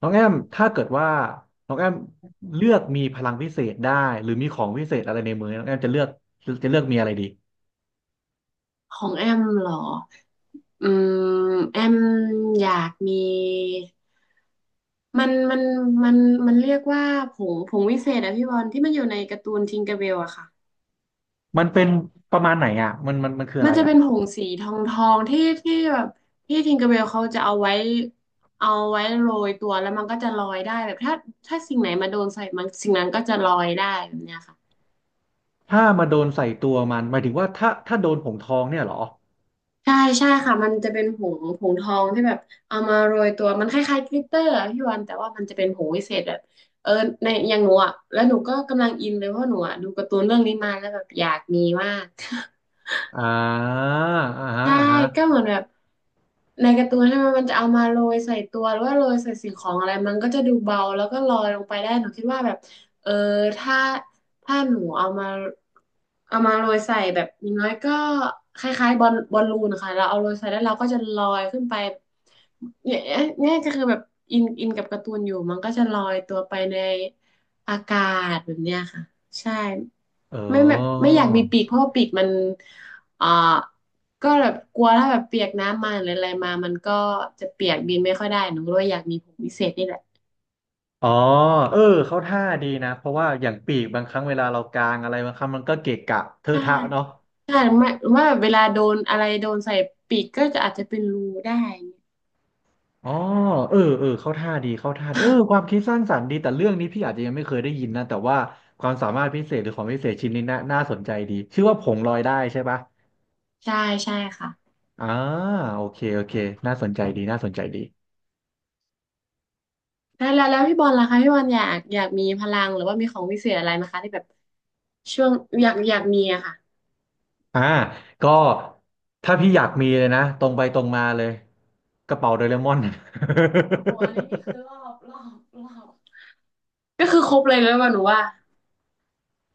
น้องแอมถ้าเกิดว่าน้องแอมเลือกมีพลังพิเศษได้หรือมีของพิเศษอะไรในมือน้องแอมจะเลือกจะเลือกมีอะไรดี ของแอมเหรออืมแอมอยากมีมันมันมันมันเรียกว่าผงวิเศษอะพี่บอลที่มันอยู่ในการ์ตูนทิงเกอร์เบลอะค่ะ มันเป็นประมาณไหนอ่ะมันมันคืออะมันไรจะอ่ะเป็นผงสีทองที่แบบที่ทิงเกอร์เบลเขาจะเอาไว้โรยตัวแล้วมันก็จะลอยได้แบบถ้าสิ่งไหนมาโดนใส่มันสิ่งนั้นก็จะลอยได้แบบเนี้ยค่ะ ถ้ามาโดนใส่ตัวมันหมายถึงว่าถ้าโดนผงทองเนี่ยเหรอใช่ใช่ค่ะมันจะเป็นผงทองที่แบบเอามาโรยตัวมันคล้ายๆกลิตเตอร์อะพี่วันแต่ว่ามันจะเป็นผงวิเศษแบบเออในอย่างหนูอ่ะแล้วหนูก็กำลังอินเลยเพราะหนูอ่ะดูการ์ตูนเรื่องนี้มาแล้วแบบอยากมีมาก อ่าอ่าฮะใช่อ่าก็ฮะเหมือนแบบในการ์ตูนใช่ไหมมันจะเอามาโรยใส่ตัวหรือว่าโรยใส่สิ่งของอะไรมันก็จะดูเบาแล้วก็ลอยลงไปได้หนูคิดว่าแบบเออถ้าถ้าหนูเอามาโรยใส่แบบอย่างน้อยก็คล้ายๆบอลลูนค่ะเราเอาโรยใส่แล้วเราก็จะลอยขึ้นไปเนี่ยเนี่ยก็คือแบบอินกับการ์ตูนอยู่มันก็จะลอยตัวไปในอากาศแบบเนี้ยค่ะใช่ เไม่แบบออไม่อยากมีปีกเพราะว่าปีกมันเอ่อก็แบบกลัวถ้าแบบเปียกน้ำมาหรืออะไรมามันก็จะเปียกบินไม่ค่อยได้หนูก็เลยอยากมีผมพิเศษนี่แหละอ๋อเออเขาท่าดีนะเพราะว่าอย่างปีกบางครั้งเวลาเรากางอะไรบางครั้งมันก็เกะกะเทอะใช่ทะเนาะ ใช่หรือไม่หรือว่าแบบเวลาโดนอะไรโดนใส่ปีกก็จะอาจจะเป็นรูได้อย่างเงี้ยอ๋อเออเออเข้าท่าดีเข้าท่าดีเออความคิดสร้างสรรค์ดีแต่เรื่องนี้พี่อาจจะยังไม่เคยได้ยินนะ แต่ว่าความสามารถพิเศษหรือของพิเศษชิ้นนี้น่าสนใจดีชื่อว่าผงลอยได้ใช่ปะใช่ใช่ค่ะอ่าโอเคโอเคน่าสนใจดีน่าสนใจดีแล้วพี่บอลล่ะคะพี่บอลอยากมีพลังหรือว่ามีของวิเศษอะไรไหมคะที่แบบช่วงอยากมีอะค่ะอ่าก็ถ้าพี่อโอยากมีเล้ยนะตรงไปตรงมาเลยกระเป๋าโดเรมอน โหอันนี้นี่คือ รอบก็คือครบเลยแล้วว่าหนูว่า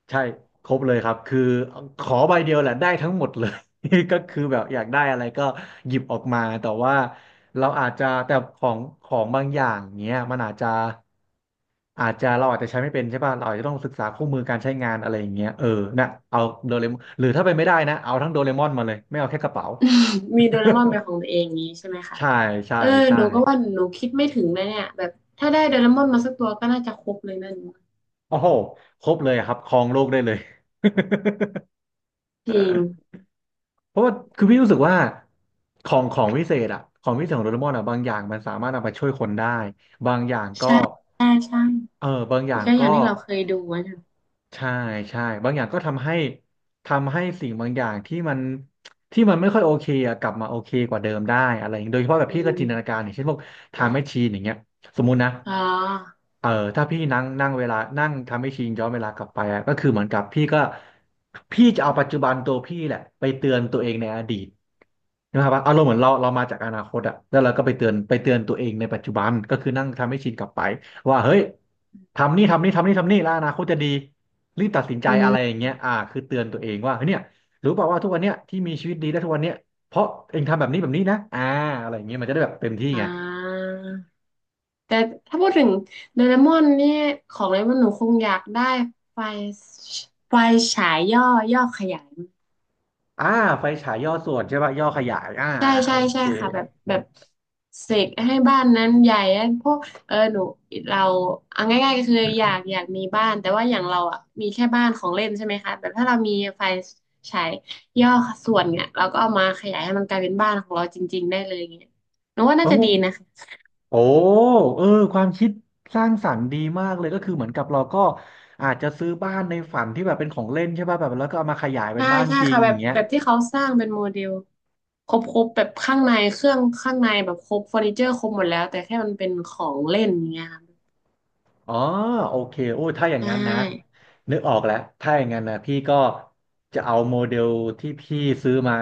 ใช่ครบเลยครับคือขอใบเดียวแหละได้ทั้งหมดเลย ก็คือแบบอยากได้อะไรก็หยิบออกมาแต่ว่าเราอาจจะแต่ของบางอย่างเนี้ยมันอาจจะอาจจะเราอาจจะใช้ไม่เป็นใช่ป่ะเราอาจจะต้องศึกษาคู่มือการใช้งานอะไรอย่างเงี้ยเออนะเอาโดเรมอนหรือถ้าเป็นไม่ได้นะเอาทั้งโดเรมอนมาเลยไม่เอาแค่กระเป๋า มีโดเรมอนเป็นของตัวเองอย่างนี้ใช่ไหม คะใช่ใช่เออใช่หนูก็ว่าหนูคิดไม่ถึงเลยเนี่ยแบบถ้าได้โดเรมอนมาสักตัวก็น่าจะครบเลยนั่นโอ้โหครบเลยครับครองโลกได้เลย จริง เพราะว่าคือพี่รู้สึกว่าของวิเศษอะของวิเศษของโดเรมอนอะบางอย่างมันสามารถนำไปช่วยคนได้บางอย่างก็ใช่ใช่ใช่เออบางอีย่างก็อย่างก็ที่เราเคยดูอะนะใช่ใช่บางอย่างก็ทำให้สิ่งบางอย่างที่มันที่มันไม่ค่อยโอเคอะกลับมาโอเคกว่าเดิมได้อะไรอย่างเงี้ยโดยเฉพาะแบบอืพี่ก็จินตนากามรอย่างเช่นพวกไทม์แมชชีนอย่างเงี้ยสมมุตินะ อ๋อเออถ้าพี่นั่งนั่งเวลานั่งทำให้ชินย้อนเวลากลับไปอะก็คือเหมือนกับพี่ก็พี่จะเอาปัจจุบันตัวพี่แหละไปเตือนตัวเองในอดีตนะครับอารมณ์เหมือนเรามาจากอนาคตอะแล้วเราก็ไปเตือนตัวเองในปัจจุบันก็คือนั่งทำให้ชินกลับไปว่าเฮ้ยทำนี่ทำนี่แล้วอนาคตจะดีรีบตัดสินใจอือะไรอมย่างเงี้ยอ่าคือเตือนตัวเองว่าเฮ้ยเนี่ยรู้เปล่าว่าทุกวันเนี้ยที่มีชีวิตดีได้ทุกวันเนี้ยเพราะเองทำแบบนี้นะอ่าอะไรอย่างเงี้ยมันจะได้แบบเต็มที่อ่ไง าแต่ถ้าพูดถึงโดเรมอนนี่ของเลยว่าหนูคงอยากได้ไฟไฟฉายย่อย่อขยาย อ่าไฟฉายย่อส่วนใช่ป่ะย่อขยายอ่าใช่อ่าโอใช่เคใช่ค่ะแบบเสกให้บ้านนั้นใหญ่พวกเออหนูเราเอาง่ายๆก็คืออยากมีบ้านแต่ว่าอย่างเราอ่ะมีแค่บ้านของเล่นใช่ไหมคะแบบถ้าเรามีไฟฉายย่อส่วนเนี่ยเราก็เอามาขยายให้มันกลายเป็นบ้านของเราจริงๆได้เลยเงี้ยหนูว่าน่าโอ้จะดีนะคะโอ้เออความคิดสร้างสรรค์ดีมากเลยก็คือเหมือนกับเราก็อาจจะซื้อบ้านในฝันที่แบบเป็นของเล่นใช่ป่ะแบบแล้วก็เอามาขยายเป็นใช่บ้านใช่จริงค่ะแบอบย่างเงี้ย แบบที่เขาสร้างเป็นโมเดลครบแบบข้างในเครื่องข้างในแบบครบเฟอร์นิเจอร์ครบหมดแล้วแต่แค่มันเป็นของเล่นอย่างเงี้ยค่ะอ๋อโอเคโอ้ยถ้าอย่างนั้นนะใชนึกออกแล้วถ้าอย่างนั้นนะพี่ก็จะเอาโมเดลที่พี่ซื้อมา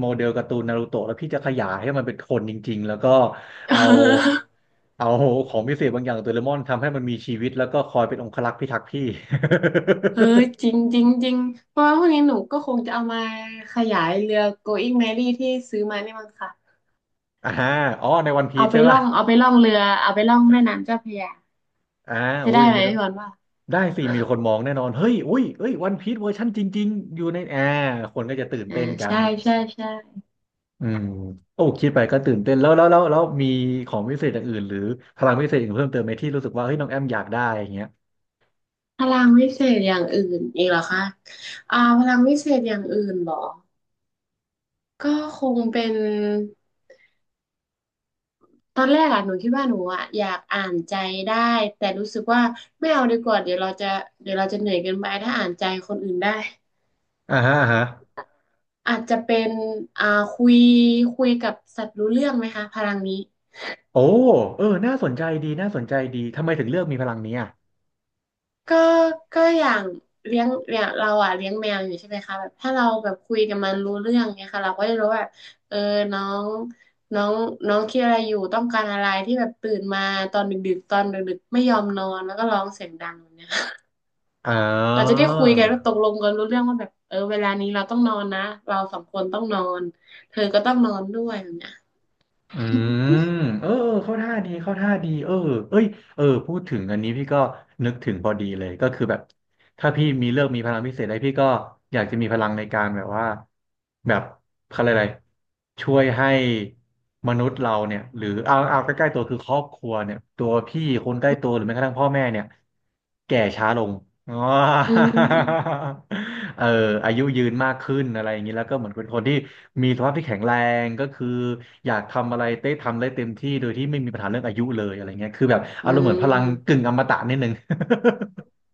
โมเดลการ์ตูนนารูโตะแล้วพี่จะขยายให้มันเป็นคนจริงๆแล้วก็่ เอา เอาของพิเศษบางอย่างของโดเรมอนทำให้มันมีชีวิตแล้วก็คอยเป็นองครักษ์พิทักษ์พี่ เออจริงจริงจริงเพราะว่าพวกนี้หนูก็คงจะเอามาขยายเรือ Going Merry ที่ซื้อมานี่มั้งค่ะอ่าอ๋อในวันพีเอาชไปใช่ล่ป่ะองเอาไปล่องเรือเอาไปล่องแม่น้ำเจ้าพระยาอ่าจะโอ้ได้ยไหมมีพี่บอลว่าได้สิมีคนมองแน่นอนเฮ้ยอุ้ยเอ้ยวันพีชเวอร์ชันจริงๆอยู่ในแอร์คนก็จะตื่นอ่าเต้นกัน ใช่ใช่ใช่อืมโอ้คิดไปก็ตื่นเต้นแล้วมีของพิเศษอย่างอื่นหรือพลังพิเศษอื่นเพิ่มเติมไหมที่รู้สึกว่าเฮ้ยน้องแอมอยากได้อย่างเงี้ยพลังวิเศษอย่างอื่นอีกเหรอคะอ่าพลังวิเศษอย่างอื่นเหรอก็คงเป็นตอนแรกอะหนูคิดว่าหนูอะอยากอ่านใจได้แต่รู้สึกว่าไม่เอาดีกว่าเดี๋ยวเราจะเดี๋ยวเราจะเหนื่อยเกินไปถ้าอ่านใจคนอื่นได้ อ่าฮะอ่าฮะอาจจะเป็นอ่าคุยคุยกับสัตว์รู้เรื่องไหมคะพลังนี้โอ้เออน่าสนใจดีน่าสนใจดีทำไมถึงเลือกมีพลังนี้อ่ะก็ก็อย่างเลี้ยงอย่างเราอ่ะเลี้ยงแมวอยู่ใช่ไหมคะแบบถ้าเราแบบคุยกับมันรู้เรื่องเนี่ยค่ะเราก็จะรู้ว่าเออน้องน้องน้องคิดอะไรอยู่ต้องการอะไรที่แบบตื่นมาตอนดึกๆตอนดึกๆไม่ยอมนอนแล้วก็ร้องเสียงดังแบบเนี่ยอ๋อ เราจะได้คุยกันว่าตกลงกันรู้เรื่องว่าแบบเออเวลานี้เราต้องนอนนะเราสองคนต้องนอนเธอก็ต้องนอนด้วยแบบเนี้ยอืมเออเข้าท่าดีเข้าท่าดีเออเอ้ยเออพูดถึงอันนี้พี่ก็นึกถึงพอดีเลยก็คือแบบถ้าพี่มีเลือกมีพลังพิเศษอะไรพี่ก็อยากจะมีพลังในการแบบว่าแบบเขาเรียกอะไรช่วยให้มนุษย์เราเนี่ยหรือเอาใกล้ๆตัวคือครอบครัวเนี่ยตัวพี่คนใกล้ตัวหรือแม้กระทั่งพ่อแม่เนี่ยแก่ช้าลง อ๋อ อืม เอออายุยืนมากขึ้นอะไรอย่างนี้แล้วก็เหมือนเป็นคนที่ มีสภาพที่แข็งแรงก็คืออยากทำอะไรเต้ทำได้เต็มที่โดยที่ไม่มีปัญหาเรื่องอายุเลยอะไรเงี้ยคือแบบอือารมณ์เหมือนพลังกึ่ม งอมตะนิดนึง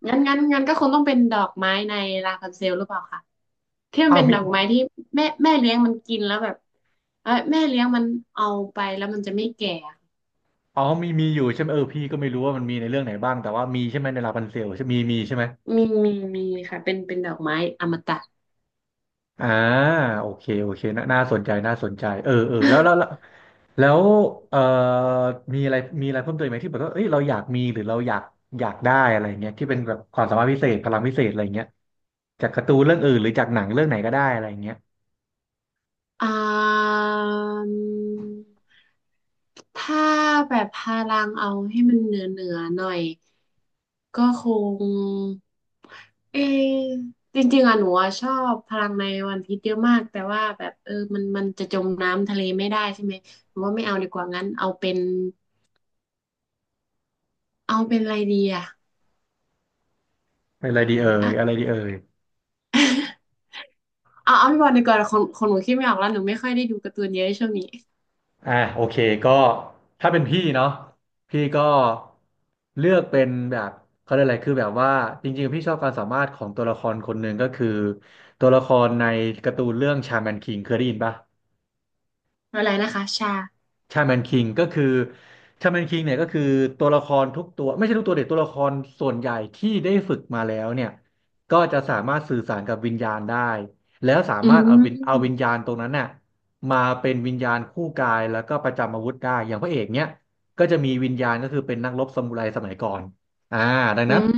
งั้นก็คงต้องเป็นดอกไม้ในลาพันเซลหรือเปล่าคะที่ มันอ้าวเป็นมีดอกไม้ที่แม่เลี้ยงมันกินแล้วแบบเอ้ยแม่เลี้ยงมันเอาไปแล้วมันจะไม่แก่อะอ๋อมีอยู่ใช่ไหมเออพี่ก็ไม่รู้ว่ามันมีในเรื่องไหนบ้างแต่ว่ามีใช่ไหมในลาพันเซลใช่มีใช่ไหมมีมีมีค่ะเป็นดอกไม้อมตะ อ่าโอเคโอเคน่าสนใจน่าสนใจเออเออแล้วเอ่อมีอะไรเพิ่มเติมไหมที่แบบว่าเอ้ยเราอยากมีหรือเราอยากได้อะไรเงี้ยที่เป็นแบบความสามารถพิเศษพลังพิเศษอะไรเงี้ยจากการ์ตูนเรื่องอื่นหรือจากหนังเรื่องไหนก็ได้อะไรเงี้ย อ่ามถ้าแบบพลังเอาให้มันเหนือหน่อยก็คง เออจริงๆอะหนูอะชอบพลังในวันพีชเยอะมากแต่ว่าแบบเออมันจะจมน้ำทะเลไม่ได้ใช่ไหมหนูว่าไม่เอาดีกว่างั้นเอาเป็นอะไรดีอะอะไรดีเอ่ยอะ อะไรดีเอ่ย เอาพี่บอลดีกว่าคนหนูคิดไม่ออกแล้วหนูไม่ค่อยได้ดูการ์ตูนเยอะช่วงนี้อ่ะโอเคก็ถ้าเป็นพี่เนาะพี่ก็เลือกเป็นแบบเขาเรียกอะไรคือแบบว่าจริงๆพี่ชอบความสามารถของตัวละครคนหนึ่งก็คือตัวละครในการ์ตูนเรื่องชาแมนคิงเคยได้ยินปะ อะไรนะคะชาชาแมนคิงก็คือชาแมนคิงเนี่ยก็คือตัวละครทุกตัวไม่ใช่ทุกตัวเด็กตัวละครส่วนใหญ่ที่ได้ฝึกมาแล้วเนี่ยก็จะสามารถสื่อสารกับวิญญาณได้แล้วสาอืมารถเอาวิญเอามวิญญาณตรงนั้นน่ะมาเป็นวิญญาณคู่กายแล้วก็ประจำอาวุธได้อย่างพระเอกเนี่ยก็จะมีวิญญาณก็คือเป็นนักรบซามูไรสมัยก่อนอ่าดังนั้อืนม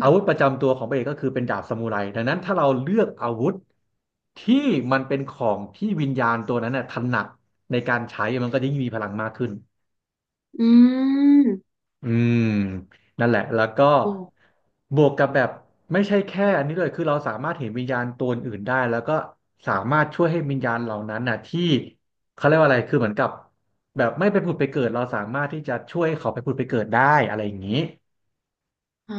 อาวุธประจำตัวของพระเอกก็คือเป็นดาบซามูไรดังนั้นถ้าเราเลือกอาวุธที่มันเป็นของที่วิญญาณตัวนั้นน่ะถนัด ในการใช้มันก็จะยิ่งมีพลังมากขึ้นอืมอืมนั่นแหละแล้วก็โอ้บวกกับแบบไม่ใช่แค่อันนี้เลยคือเราสามารถเห็นวิญญาณตัวอื่นได้แล้วก็สามารถช่วยให้วิญญาณเหล่านั้นน่ะที่เขาเรียกว่าอะไรคือเหมือนกับแบบไม่ไปผุดไปเกิดเราสามารถที่จะช่วยเขาไปผุดไปเกิดได้อะไรอย่างนี้อ่า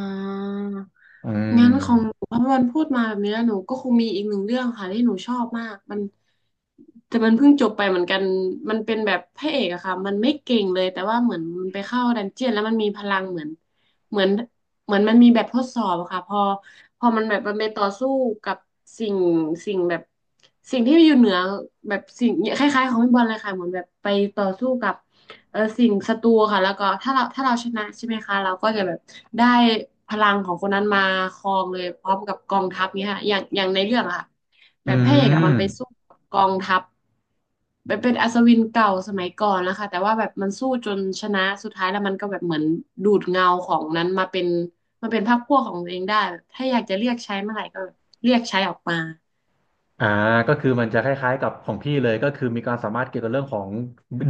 อืงั้นของหนูมพอพพูดมาแบบนี้แล้วหนูก็คงมีอีกหนึ่งเรื่องค่ะที่หนูชอบมากมันแต่มันเพิ่งจบไปเหมือนกันมันเป็นแบบพระเอกอะค่ะมันไม่เก่งเลยแต่ว่าเหมือนมันไปเข้าดันเจียนแล้วมันมีพลังเหมือนเหมือนมันมีแบบทดสอบอะค่ะพอมันแบบมันไปต่อสู้กับสิ่งสิ่งแบบสิ่งที่อยู่เหนือแบบสิ่งคล้ายๆของพี่บอลเลยค่ะเหมือนแบบไปต่อสู้กับ เออสิ่งศัตรูค่ะแล้วก็ถ้าเราชนะใช่ไหมคะเราก็จะแบบได้พลังของคนนั้นมาครองเลยพร้อมกับกองทัพเนี้ยค่ะอย่างในเรื่องอะค่ะแบอืบพระเอกอะมมันไปสู้กับกองทัพแบบเป็นอัศวินเก่าสมัยก่อนนะคะแต่ว่าแบบมันสู้จนชนะสุดท้ายแล้วมันก็แบบเหมือนดูดเงาของนั้นมาเป็นพรรคพวกของตัวเองได้แบบถ้าอยากจะเรียกใช้เมื่อไหร่ก็เรียกใช้ออกมา อ่าก็คือมันจะคล้ายๆกับของพี่เลยก็คือมีความสามารถเกี่ยวกับเรื่องของ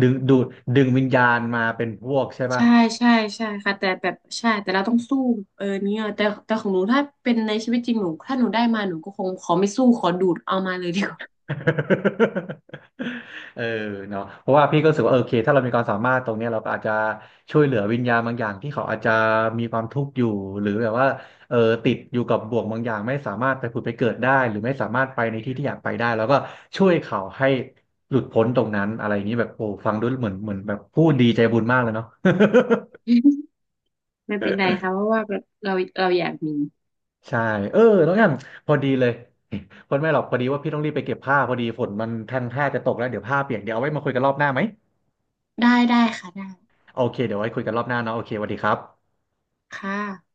ดึงดูดวิญญาณมาเป็นพวกใช่ป่ะ ใช่ใช่ใช่ค่ะแต่แบบใช่แต่เราต้องสู้เออเนี่ยแต่ของหนูถ้าเป็นในชีวิตจริงหนูถ้าหนูได้มาหนูก็คงขอไม่สู้ขอดูดเอามาเลยดีกว่า เออเนาะเพราะว่าพี่ก็รู้สึกว่าเออโอเคถ้าเรามีความสามารถตรงเนี้ยเราก็อาจจะช่วยเหลือวิญญาณบางอย่างที่เขาอาจจะมีความทุกข์อยู่หรือแบบว่าเออติดอยู่กับบ่วงบางอย่างไม่สามารถไปผุดไปเกิดได้หรือไม่สามารถไปในที่ที่อยากไปได้แล้วก็ช่วยเขาให้หลุดพ้นตรงนั้นอะไรอย่างนี้แบบโอ้ฟังดูเหมือนแบบ พูดดีใจบุญมากเลยเนาะ ไม่เป็นไรค่ะเพราะว่าแบบเราอยากมีใช่เออน้องแอมพอดีเลย พอดีไม่หรอกพอดีว่าพี่ต้องรีบไปเก็บผ้าพอดีฝนมันทันท่าจะตกแล้วเดี๋ยวผ้าเปียกเดี๋ยวเอาไว้มาคุยกันรอบหน้าไหม ได้ได้ค่ะได้โอเคเดี๋ยวไว้คุยกันรอบหน้าเนาะโอเคสวัสดีครับค่ะ